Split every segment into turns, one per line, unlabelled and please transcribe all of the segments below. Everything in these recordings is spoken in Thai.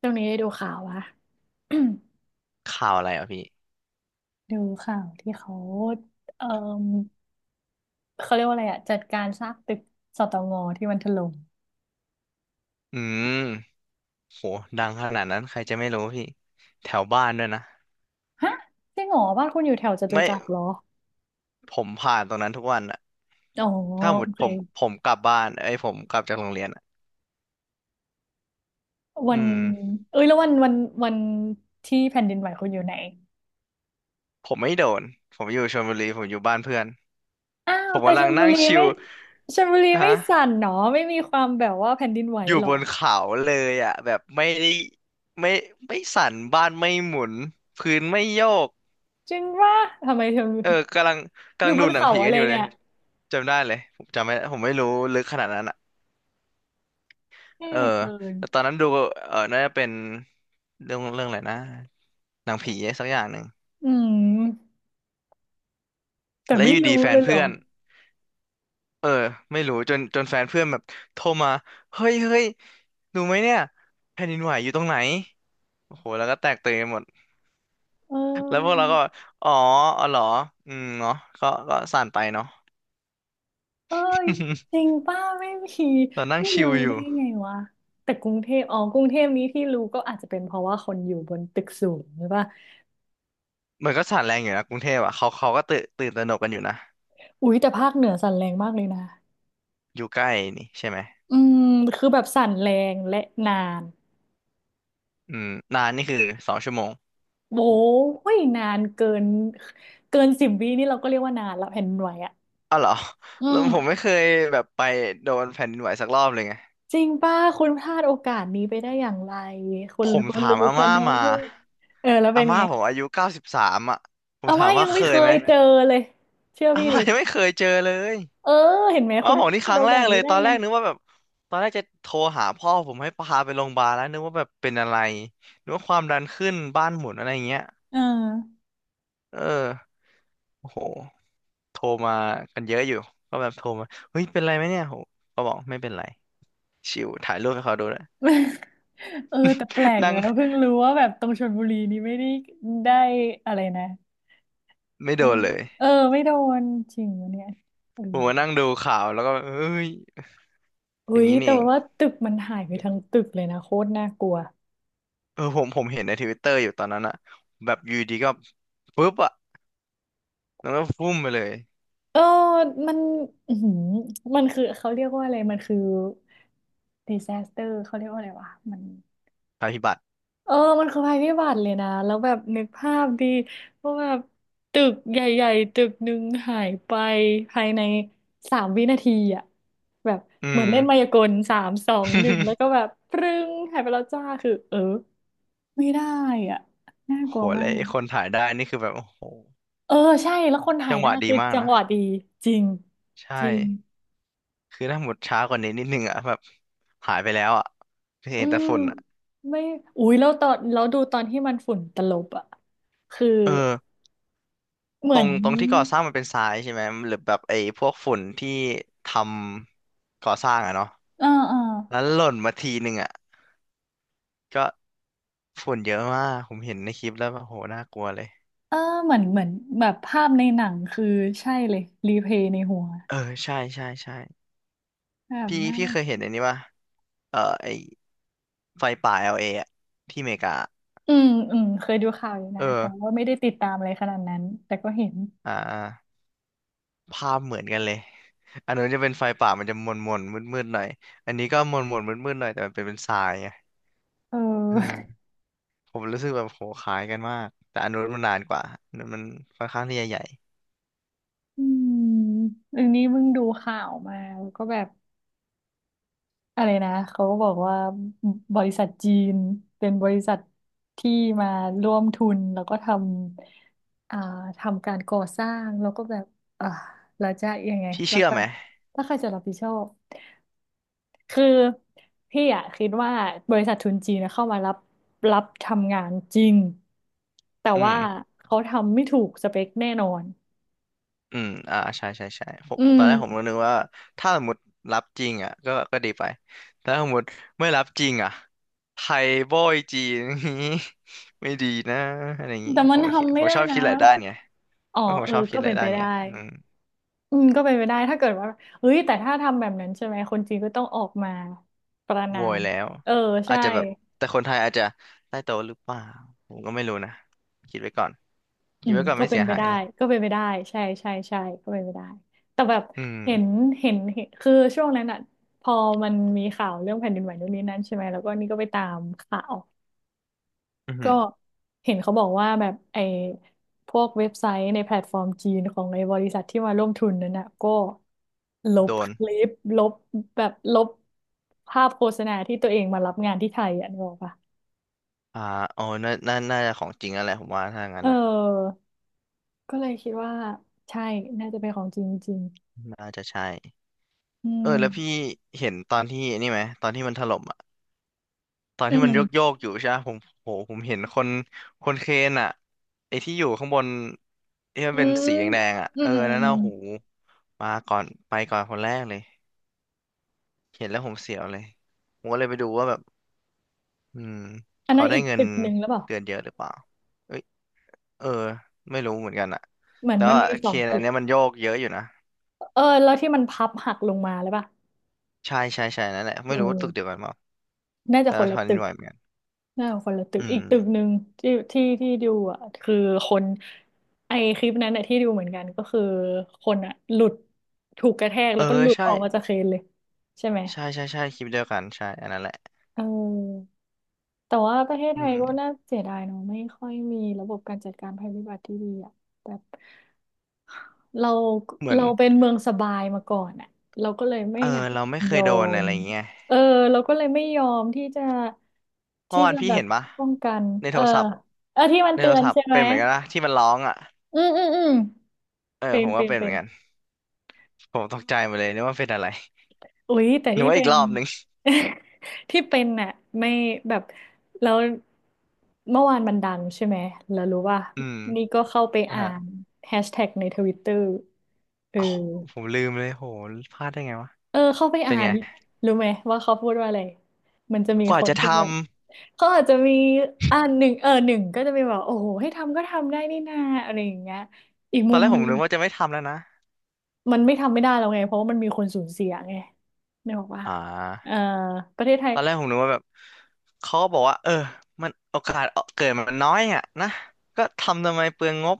ช่วงนี้ได้ดูข่าววะ
ข่าวอะไรอ่ะพี่
ดูข่าวที่เอ่อเขาเรียกว่าอะไรอะจัดการซากตึกสตงที่มันถล่ม
อืมโหดังขนาดนั้นใครจะไม่รู้พี่แถวบ้านด้วยนะ
ฮะจริงเหรอบ้านคุณอยู่แถวจตุ
ไม่
จักรเหรอ
ผ่านตรงนั้นทุกวันอะ
อ๋อ
ถ้าหม
โอ
ด
เค
ผมกลับบ้านเอ้ยผมกลับจากโรงเรียนอะ
วั
อื
น
ม
เอ้ยแล้ววันที่แผ่นดินไหวคุณอยู่ไหน
ผมไม่โดนผมอยู่ชลบุรีผมอยู่บ้านเพื่อน
อ้า
ผ
ว
ม
แต่
กำ
ช
ลัง
ลบุ
นั่ง
รี
ชิ
ไม่
ล
ชลบุรีไม่สั่
ฮะ
นหนอไม่มีความแบบว่าแผ่นดินไหว
อยู่
หร
บ
อ
นเขาเลยอ่ะแบบไม่ได้ไม่ไม่สั่นบ้านไม่หมุนพื้นไม่โยก
จริงว่าทำไมเธอ
เออกำลัง
อยู่บ
ดู
น
หนัง
เขา
ผีกั
อะ
น
ไร
อยู่เล
เนี่
ย
ย
จำได้เลยผมจำไม่ผมไม่รู้ลึกขนาดนั้นอ่ะ
แย่
เออ
เกิน
แต่ตอนนั้นดูเออน่าจะเป็นเรื่องอะไรนะหนังผีสักอย่างหนึ่ง
อืมแต่
แล้วอ
ไม่
ยู่ดี
รู้
แฟ
เล
น
ยเหรอ
เพื่อนเออไม่รู้จนแฟนเพื่อนแบบโทรมา เฮ้ย เฮ้ย ดูไหมเนี่ยแผ่นดินไหวอยู่ตรงไหนโอ้โหแล้วก็แตกตื่นกันหมด
เอ
แล้ว
อ
พวกเราก็ อ๋ออ๋อเหรอ อืมเนาะก็สั่นไปเนาะ
เอ้ยจริง ป้าไม่มี
เรานั่ง
ไม่
ชิล
รู้
อ
ได้
ยู่
ไงวะแต่กรุงเทพอ๋อกรุงเทพนี้ที่รู้ก็อาจจะเป็นเพราะว่าคนอยู่บนตึกสูงหรือเปล่า
มันก็สั่นแรงอยู่นะกรุงเทพอ่ะเขาก็ตื่นตระหนกกันอยู่นะ
อุ๊ยแต่ภาคเหนือสั่นแรงมากเลยนะ
อยู่ใกล้นี่ใช่ไหม
อืมคือแบบสั่นแรงและนาน
อืมนานนี่คือ2 ชั่วโมง
โว้ยนานเกินเกินสิบวินี่เราก็เรียกว่านานละแผ่นดินไหวอ่ะ
อ้าวเหรอ
อื
แล้วผม
ม
ไม่เคยแบบไปโดนแผ่นดินไหวสักรอบเลยไง
จริงป้าคุณพลาดโอกาสนี้ไปได้อย่างไรคุ
ผ
ณ
ม
คุณ
ถาม
รู้
อา
กัน
ม่า
ทั้งป
มา
ระเทศเออแล้ว
อา
เป็น
ม่า
ไง
ผมอายุ93อ่ะผม
เอา
ถา
มา
ม
ยั
ว่า
ง
เค
ไม่เค
ยไหม
ยเจอเลยเชื่อ
อา
พี่
ม่า
ดิ
ยังไม่เคยเจอเลย
เออเห็นไหม
อ้า
คุ
ว
ณ
บอกนี่
พ
ค
ลาด
รั้ง
โอ
แร
กาส
กเล
นี้
ย
ได้
ตอนแร
ไง
กนึกว่าแบบตอนแรกจะโทรหาพ่อผมให้พาไปโรงพยาบาลแล้วนึกว่าแบบเป็นอะไรนึกว่าความดันขึ้นบ้านหมุนอะไรอย่างเงี้ย
เออ
เออโอ้โหโทรมากันเยอะอยู่ก็แบบโทรมาเฮ้ยเป็นไรไหมเนี่ยโหก็บอกไม่เป็นไรชิวถ่ายรูปให้เขาดูนะ
เออแต่แปลก
นั่ง
นะเพิ่งรู้ว่าแบบตรงชลบุรีนี่ไม่ได้ได้อะไรนะ
ไม่โด
ไม่
นเลย
เออไม่โดนจริงวะเนี่ยเออ
ผมมานั่งดูข่าวแล้วก็เอ้ยอ
อุ้
ย่าง
ย
นี้นี่
แต่
เอง
ว่าตึกมันหายไปทั้งตึกเลยนะโคตรน่ากลัว
เออผมเห็นในทวิตเตอร์อยู่ตอนนั้นอะแบบอยูดีก็ปุ๊บอะแล้วก็ฟุ่มไปเลย
เออมันอือหือมันคือเขาเรียกว่าอะไรมันคือ disaster เขาเรียกว่าอะไรวะมัน
ภัยพิบัติ
เออ มันคือภัยพิบัติเลยนะ แล้วแบบนึกภาพดีว่าแบบตึกใหญ่ๆตึกหนึ่งหายไปภายในสามวินาทีอ่ะ แบบ
อื
เหมือน
ม
เล่นมายากลสามสองหนึ่งแล้วก็แบ บปรึ้งหายไปแล้วจ้าคือเออไม่ได้อ่ะน่า
โห
กลัวมา
แล้ว
ก
ไอ้คนถ่ายได้นี่คือแบบโอ้โห
เออใช่แล้วคนถ่า
จั
ย
งห
ได้
วะดี
คือ
มาก
จัง
นะ
หวะดีจริง
ใช่
จริง
คือถ้าหมดช้ากว่านี้นิดนึงอะแบบหายไปแล้วอะเห็
อื
นแต่
ม
ฝุ่นอะ
ไม่อุ้ยแล้วตอนแล้วดูตอนที่มันฝุ่นตลบอ่ะคือ
เออ
เหมือน
ตรงที่ก่อสร้างมันเป็นทรายใช่ไหมหรือแบบไอ้พวกฝุ่นที่ทำก่อสร้างอะเนาะ
เออเออ
แล้วหล่นมาทีหนึ่งอะก็ ฝุ่นเยอะมากผมเห็นในคลิปแล้วแบบโหน่ากลัวเลย
เออเหมือนเหมือนแบบภาพในหนังคือใช่เลยรีเพย์ในหัว
เออใช่ใช่ใช่
แบบ
พี่
นั้น
เคยเห็นอันนี้ป่ะเออไอไฟป่า LA อลเออะที่อเมริกา
อืมอืมเคยดูข่าวอยู่
เอ
นะ
อ
แต่ว่าไม่ได้ติดตามอะไรขนาดนั้นแต่ก็เห็น
อ่าภาพเหมือนกันเลยอันนู้นจะเป็นไฟป่ามันจะมนมนมืดมืดๆหน่อยอันนี้ก็มนมนมืดมืดๆหน่อยแต่มันเป็นทรายไง
เอ
เออ
อ
ผมรู้สึกแบบโหคล้ายกันมากแต่อันนู้นมันนานกว่าอันนู้นมันค่อนข้างที่จะใหญ่
อืมอันนี้เพิ่งดูข่าวมาแล้วก็แบบอะไรนะเขาก็บอกว่าบริษัทจีนเป็นบริษัทที่มาร่วมทุนแล้วก็ทำทำการก่อสร้างแล้วก็แบบอ่าแล้วจะยังไง
พี่
รา
เชื่อ
คา
ไหม
ถ้าใครจะรับผิดชอบ คือพี่อะคิดว่าบริษัททุนจีนนะเข้ามารับรับทำงานจริงแต่
อื
ว่า
ม
เขาทำไม่ถูกสเปคแน่นอน
อืมอ่าใช่ใช่ใช่ผม
อื
ตอ
ม
นแรกผมก็นึกว่าถ้าสมมติรับจริงอ่ะก็ดีไปแต่ถ้าสมมติไม่รับจริงอ่ะไทยโบอยจีน อย่างงี้ ไม่ดีนะอะไรอย่างงี้
แต่
ผ
มัน
มคิด
ทำ
ผ
ไม่
ม
ได้
ชอบ
นะ
คิดหลายด้านไง
อ๋อ
เพราะผม
เออ
ชอบคิ
ก็
ดหลา
เป็
ย
น
ด้า
ไป
นไง
ได้
อืม
อืมก็เป็นไปได้ถ้าเกิดว่าเฮ้ยแต่ถ้าทำแบบนั้นใช่ไหมคนจีนก็ต้องออกมาประณา
โวย
ม
แล้ว
เออ
อาจ
ใช่
จะแบบแต่คนไทยอาจจะใต้โต๊ะหรือเปล่า ผมก็ไม่รู้นะ คิดไว้ก่อน
อื
คิด
ม
ไว้ก่อน
ก็
ไม่
เป็
เสี
น
ย
ไป
หาย
ได้
นี่
ก็เป็นไปได้ใช่ใช่ใช่ก็เป็นไปได้แต่แบบ
อืม
เห็นเห็นเห็นคือช่วงนั้นอ่ะพอมันมีข่าวเรื่องแผ่นดินไหวนู่นนี่นั่นใช่ไหมแล้วก็นี่ก็ไปตามข่าว
อือหื
ก็
อ
เห็นเขาบอกว่าแบบไอ้พวกเว็บไซต์ในแพลตฟอร์มจีนของไอ้บริษัทที่มาร่วมทุนนั้นอ่ะก็ล
โด
บค
น
ลิปลบแบบลบภาพโฆษณาที่ตัวเองมารับงานที่ไทยอ่ะนึกออกปะ
อ่าอ๋อน่าน่าจะของจริงแล้วผมว่าถ้า
เ
งั้นอ่ะ
ออก็เลยคิดว่าใช่น่าจะเป็นของจริงจริง
น่าจะใช่
อื
เออ
ม
แล้วพี่เห็นตอนที่นี่ไหมตอนที่มันถล่มอ่ะตอน
อื
ที่มันโยก
ม
อยู่ใช่ไหมผมโหผมเห็นคนเครนอ่ะไอ้ที่อยู่ข้างบนที่มัน
อ
เป็นสีแด
ื
งๆอ่ะ
ม อื
เอ
ม
อ
อืม
นั่น
อื
น่ะ
ม
หูมาก่อนไปก่อนคนแรกเลยเห็นแล้วผมเสียวเลยผมก็เลยไปดูว่าแบบอืม
อัน
เขา
นั้น
ได้
อีก
เงิน
ตึกหนึ่งแล้วเปล่า
เดือนเยอะหรือเปล่าเอ้ยเออไม่รู้เหมือนกันอ่ะ
เหมือน
แต่
มัน
ว่า
มีส
เค
อง
น
ตึ
อัน
ก
เนี้ยมันโยกเยอะอยู่นะ
เออแล้วที่มันพับหักลงมาหรือเปล่า
ใช่ใช่ใช่นั่นแหละ
เอ
ไม่รู้ว่าตึกเดียว
อ
กันเปล่า
น่าจะ
แต่
คน
ว่า
ละ
แผ่น
ตึ
ดิน
ก
ไหวเหมือนกัน
น่าจะคนละตึ
อื
กอีกตึก
ม
หนึ่งที่ดูอ่ะคือคนไอคลิปนั้นอ่ะที่ดูเหมือนกันก็คือคนอ่ะหลุดถูกกระแทก
เอ
แล้
อ
วก็หลุด
ใช่
ออกมาจากเครนเลยใช่ไหม
ใช่ใช่ใช่คลิปเดียวกันใช่อันนั้นแหละ
เออแต่ว่าประเทศ
อื
ไทยก็
ม
น่าเสียดายเนาะไม่ค่อยมีระบบการจัดการภัยพิบัติที่ดีอ่ะแบบ เรา
เหมือน
เราเป็นเมืองสบายมาก่อนอ่ะเราก็เลยไม่
เออ
อยาก
เราไม่เค
ย
ย
อ
โดนอะ
ม
ไรอย่างเงี้ย
เออเราก็เลยไม่ยอมที่จะ
เมื่อวานพี่
แบ
เห็
บ
นปะ
ป้องกัน
ใน
เอ
โท
อ
รศัพท์
เออที่มัน
ใน
เตื
โท
อ
ร
น
ศัพ
ใช่
ท์
ไหม
เป็นเหมือนกันนะที่มันร้องอ่ะ
อืมอืมอืม
เออ
เป็
ผ
น
มก็
เป็น
เป็นเห
เป็
มือน
น
กันผมตกใจหมดเลยนึกว่าเป็นอะไร
อุ๊ยแต่
นึก
ที่
ว่าอี
เป็
ก
น
รอบหนึ่ง
ที่เป็นน่ะไม่แบบแล้วเมื่อวานมันดังใช่ไหมแล้วรู้ว่า
อืม
นี่ก็เข้าไป
นะ
อ่า
ฮะ
นแฮชแท็กในทวิตเตอร์เออ
อ๋อผมลืมเลยโหพลาดได้ไงวะ
เออเข้าไป
เป็
อ่า
น
น
ไง
รู้ไหมว่าเขาพูดว่าอะไรมันจะมี
กว่า
คน
จะ
ที่
ทำ
แบบ เขาอาจจะมีอ่านหนึ่งเออหนึ่งก็จะมีแบบโอ้โหให้ทำก็ทำได้นี่นาอะไรอย่างเงี้ยอีก
ตอ
มุ
นแร
ม
กผ
หนึ
ม
ง
นึกว่าจะไม่ทำแล้วนะ
มันไม่ทำไม่ได้แล้วไงเพราะว่ามันมีคนสูญเสียไงนี่บอกว่า
อ่
เออ
า
ประเทศไท
ต
ย
อนแรกผมนึกว่าแบบเขาก็บอกว่าเออมันโอกาสเกิดมันน้อยอ่ะนะก็ทำทำไมเปลืองงบ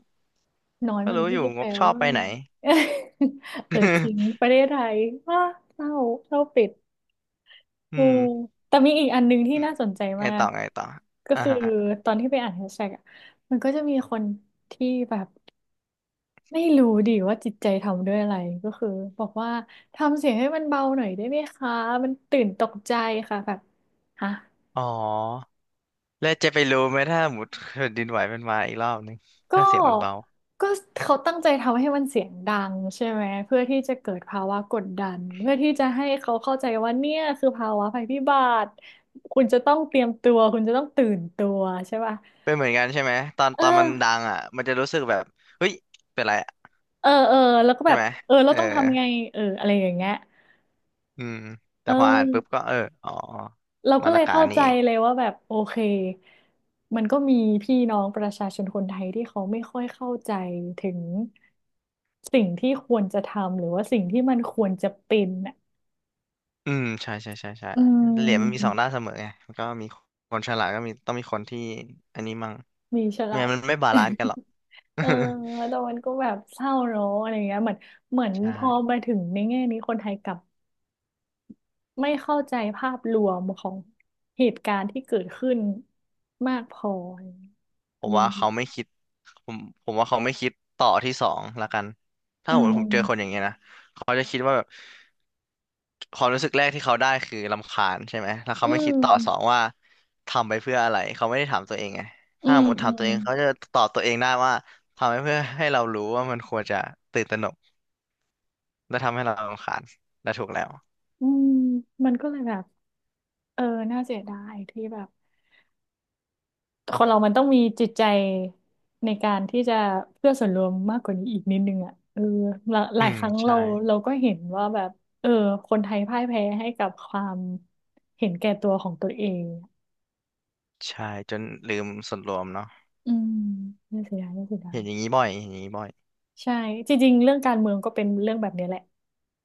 น้อย
ก็
มัน
รู้
ไม่
อยู่
ได้
ง
แป
บ
ล
ชอบ
ว่า
ไปไหน
เออจริง ประเทศไทยว่าเศร้าเศร้าปิด
อื
เออ
ม
แต่มีอีกอันหนึงที่น่าสนใจ
ไง
มา
ต่
ก
อไงต่อ
ก็
อ่า
คือ
ฮะ
ตอนที่ไปอ่านแฮชแท็กอะมันก็จะมีคนที่แบบไม่รู้ดิว่าจิตใจทำด้วยอะไรก็คือบอกว่าทำเสียงให้มันเบาหน่อยได้ไหมคะมันตื่นตกใจค่ะแบบฮะ
อ๋อแล้วจะไปรู้ไหมถ้าหมุดแผ่นดินไหวมันมาอีกรอบนึงถ้า
ก็
เสียงมันเบา
ก็เขาตั้งใจทำให้มันเสียงดังใช่ไหมเพื่อที่จะเกิดภาวะกดดันเพื่อที่จะให้เขาเข้าใจว่าเนี่ยคือภาวะภัยพิบัติคุณจะต้องเตรียมตัวคุณจะต้องตื่นตัวใช่ป่ะ
เป็นเหมือนกันใช่ไหมตอน
เอ
ต
อ
อนมันดังอ่ะมันจะรู้สึกแบบเฮ้ยเป็นไรอะ
เออเออแล้วก็
ใช่
แบบ
ไหม
เออ
เอ
เรา
อ
ต้องทำไงเอออะไรอย่างเงี้ย
อืม
เ
แต่พออ่านปุ๊บก็
ออ
เอออ๋อ
เรา
ม
ก็
น
เล
อ
ย
กา
เข้า
รนี่
ใจ
เอง
เลยว่าแบบโอเคมันก็มีพี่น้องประชาชนคนไทยที่เขาไม่ค่อยเข้าใจถึงสิ่งที่ควรจะทำหรือว่าสิ่งที่มันควรจะเป็นอ่ะ
อืมใช่ใช่ใช่ใช่
อื
เหรียญมันมีสอ
ม
งด้านเสมอไงมันก็มีคนฉลาดก็มีต้องมีคนที่อันนี้มั่ง
มีฉ
ไม่
ลาด
งั้นมันไม่บาลานซ์กัน หรอก
เออ แต่มันก็แบบเศร้าเนอะอะไรเงี้ยเหมือนเหมือน
ใช่
พอมาถึงในแง่นี้คนไทยกลับ ไม่เข้าใจภาพรวมของเหตุการณ์ที่เกิดขึ้นมากพอ
ผ
อื
มว่าเขาไม่
ม
คิดผมผมว่าเขาไม่คิดต่อที่สองละกันถ้า
อื
ผมเจอคนอ
ม
ย่างเงี้ยนะเขาจะคิดว่าแบบความรู้สึกแรกที่เขาได้คือรำคาญใช่ไหมแล้ว
อื
เขาไม่คิ
ม
ดต่อสองว่าทำไปเพื่ออะไรเขาไม่ได้ถามตัวเองไง
อื
ถ้าส
ม
มมติ
อื
ถามตั
ม
วเองเขาจะตอบตัวเองได้ว่าทำไปเพื่อให้เรารู้ว่ามันควรจะตื่นตระหนกและทำให้เรารำคาญและถูกแล้ว
อืมมันก็เลยแบบเออน่าเสียดายที่แบบคนเรามันต้องมีจิตใจในการที่จะเพื่อส่วนรวมมากกว่านี้อีกนิดนึงอ่ะเออหลาห
อื
ลายค
ม
รั้ง
ใช่
เราก็เห็นว่าแบบเออคนไทยพ่ายแพ้ให้กับความเห็นแก่ตัวของตัวเอง
ใช่จนลืมส่วนรวมเนาะ
อืมน่าเสียดายน่าเสียดา
เห็น
ย
อย่างนี้บ่อยเห็นอย่างนี้บ่อย
ใช่จริงๆเรื่องการเมืองก็เป็นเรื่องแบบนี้แหละ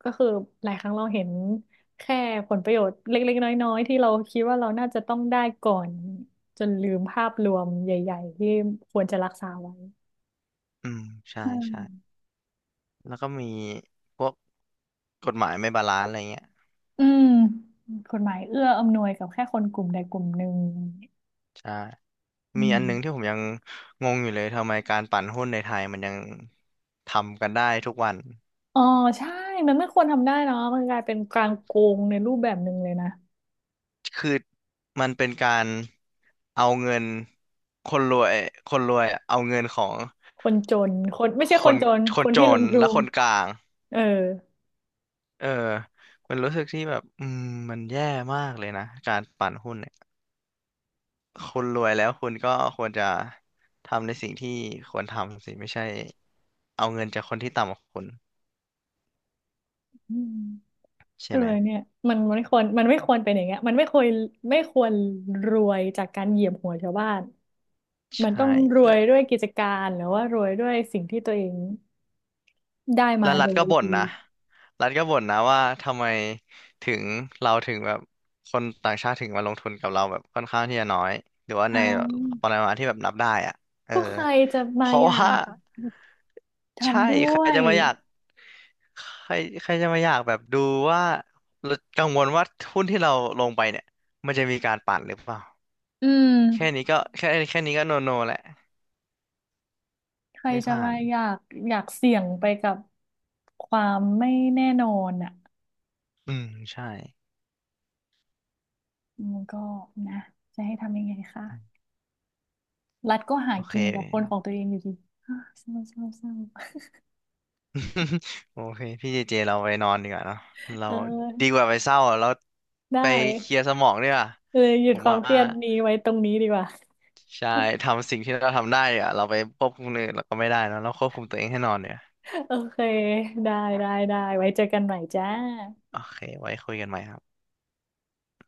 ก็คือหลายครั้งเราเห็นแค่ผลประโยชน์เล็กๆน้อยๆที่เราคิดว่าเราน่าจะต้องได้ก่อนจนลืมภาพรวมใหญ่ๆที่ควรจะรักษาไว้
อืมใช่
อื
ใช่
ม
แล้วก็มีพวกกฎหมายไม่บาลานซ์อะไรเงี้ย
อืมกฎหมายเอื้ออำนวยกับแค่คนกลุ่มใดกลุ่มหนึ่ง
ใช่
อื
มีอันหนึงที่
ม
ผมยังงงอยู่เลยทำไมการปั่นหุ้นในไทยมันยังทำกันได้ทุกวัน
อ๋อใช่มันไม่ควรทำได้เนาะมันกลายเป็นการโกงในรูปแบบหนึ่งเลยนะ
คือมันเป็นการเอาเงินคนรวยคนรวยอะเอาเงินของ
คนจนคนไม่ใช่
ค
คน
น
จน
ค
ค
น
น
จ
ที่ล
น
งทุ
และ
น
คนกลาง
เออ
เออมันรู้สึกที่แบบอืมมันแย่มากเลยนะการปั่นหุ้น คุณรวยแล้วคุณก็ควรจะทำในสิ่งที่ควรทำสิไม่ใช่เอาเงินจากคนที่ต่ำกว่าคุณ
อืม
ใช่
เออ
ไหม
เนี่ยมันไม่ควรเป็นอย่างเงี้ยมันไม่ควรรวยจากการเหยียบหัวชาวบ้านมัน
ใช่
ต้องรวยด้วยกิจการหรือว่ารวยด้วยสิ่งที่ตัวเองได้
แล้
มา
วรั
โด
ฐก็
ย
บ่น
ดี
นะรัฐก็บ่นนะว่าทำไมถึงเราถึงแบบคนต่างชาติถึงมาลงทุนกับเราแบบค่อนข้างที่จะน้อยหรือว่า
อ่
ในป
า
ริมาณที่แบบนับได้อ่ะเออ
ก็ใครจะ
เพ
มา
ราะ
อยา
ว่า
ก
ใช่
ทำด้
ใคร
วย
จะมาอยากใครใครจะมาอยากแบบดูว่าเรากังวลว่าหุ้นที่เราลงไปเนี่ยมันจะมีการปั่นหรือเปล่า
อืม
แค่นี้ก็แค่นี้ก็โนโนแหละ
ใคร
ไม่
จะ
ผ่า
มา
น
อยากอยากเสี่ยงไปกับความไม่แน่นอนอ่ะ
อืมใช่
มันก็นะจะให้ทำยังไงคะรัฐก็หา
โอเค
กินกับคนของตัวเองอยู่ดี อ้าเศร้าเศร้าเศร้า
โอเคพี่เจเจเราไปนอนดีกว่าเนาะเรา
เ
ดีก
ออ
ว่าไปเศร้าอะเรา
ได้
ไปเคลียร์สมองดีกว่า
เลยหยุ
ผ
ด
ม
ความ
ว่า
เครียดนี้ไว้ตรงนี้ดีกว่า
ใช่ทำสิ่งที่เราทำได้ดีกว่าเราไปควบคุมคนอื่นเราก็ไม่ได้เนอะเราควบคุมตัวเองให้นอนเนี่ย
โอเคได้ได้ไว้เจอกันใหม่จ้า
โอเคไว้คุยกันใหม่ครับ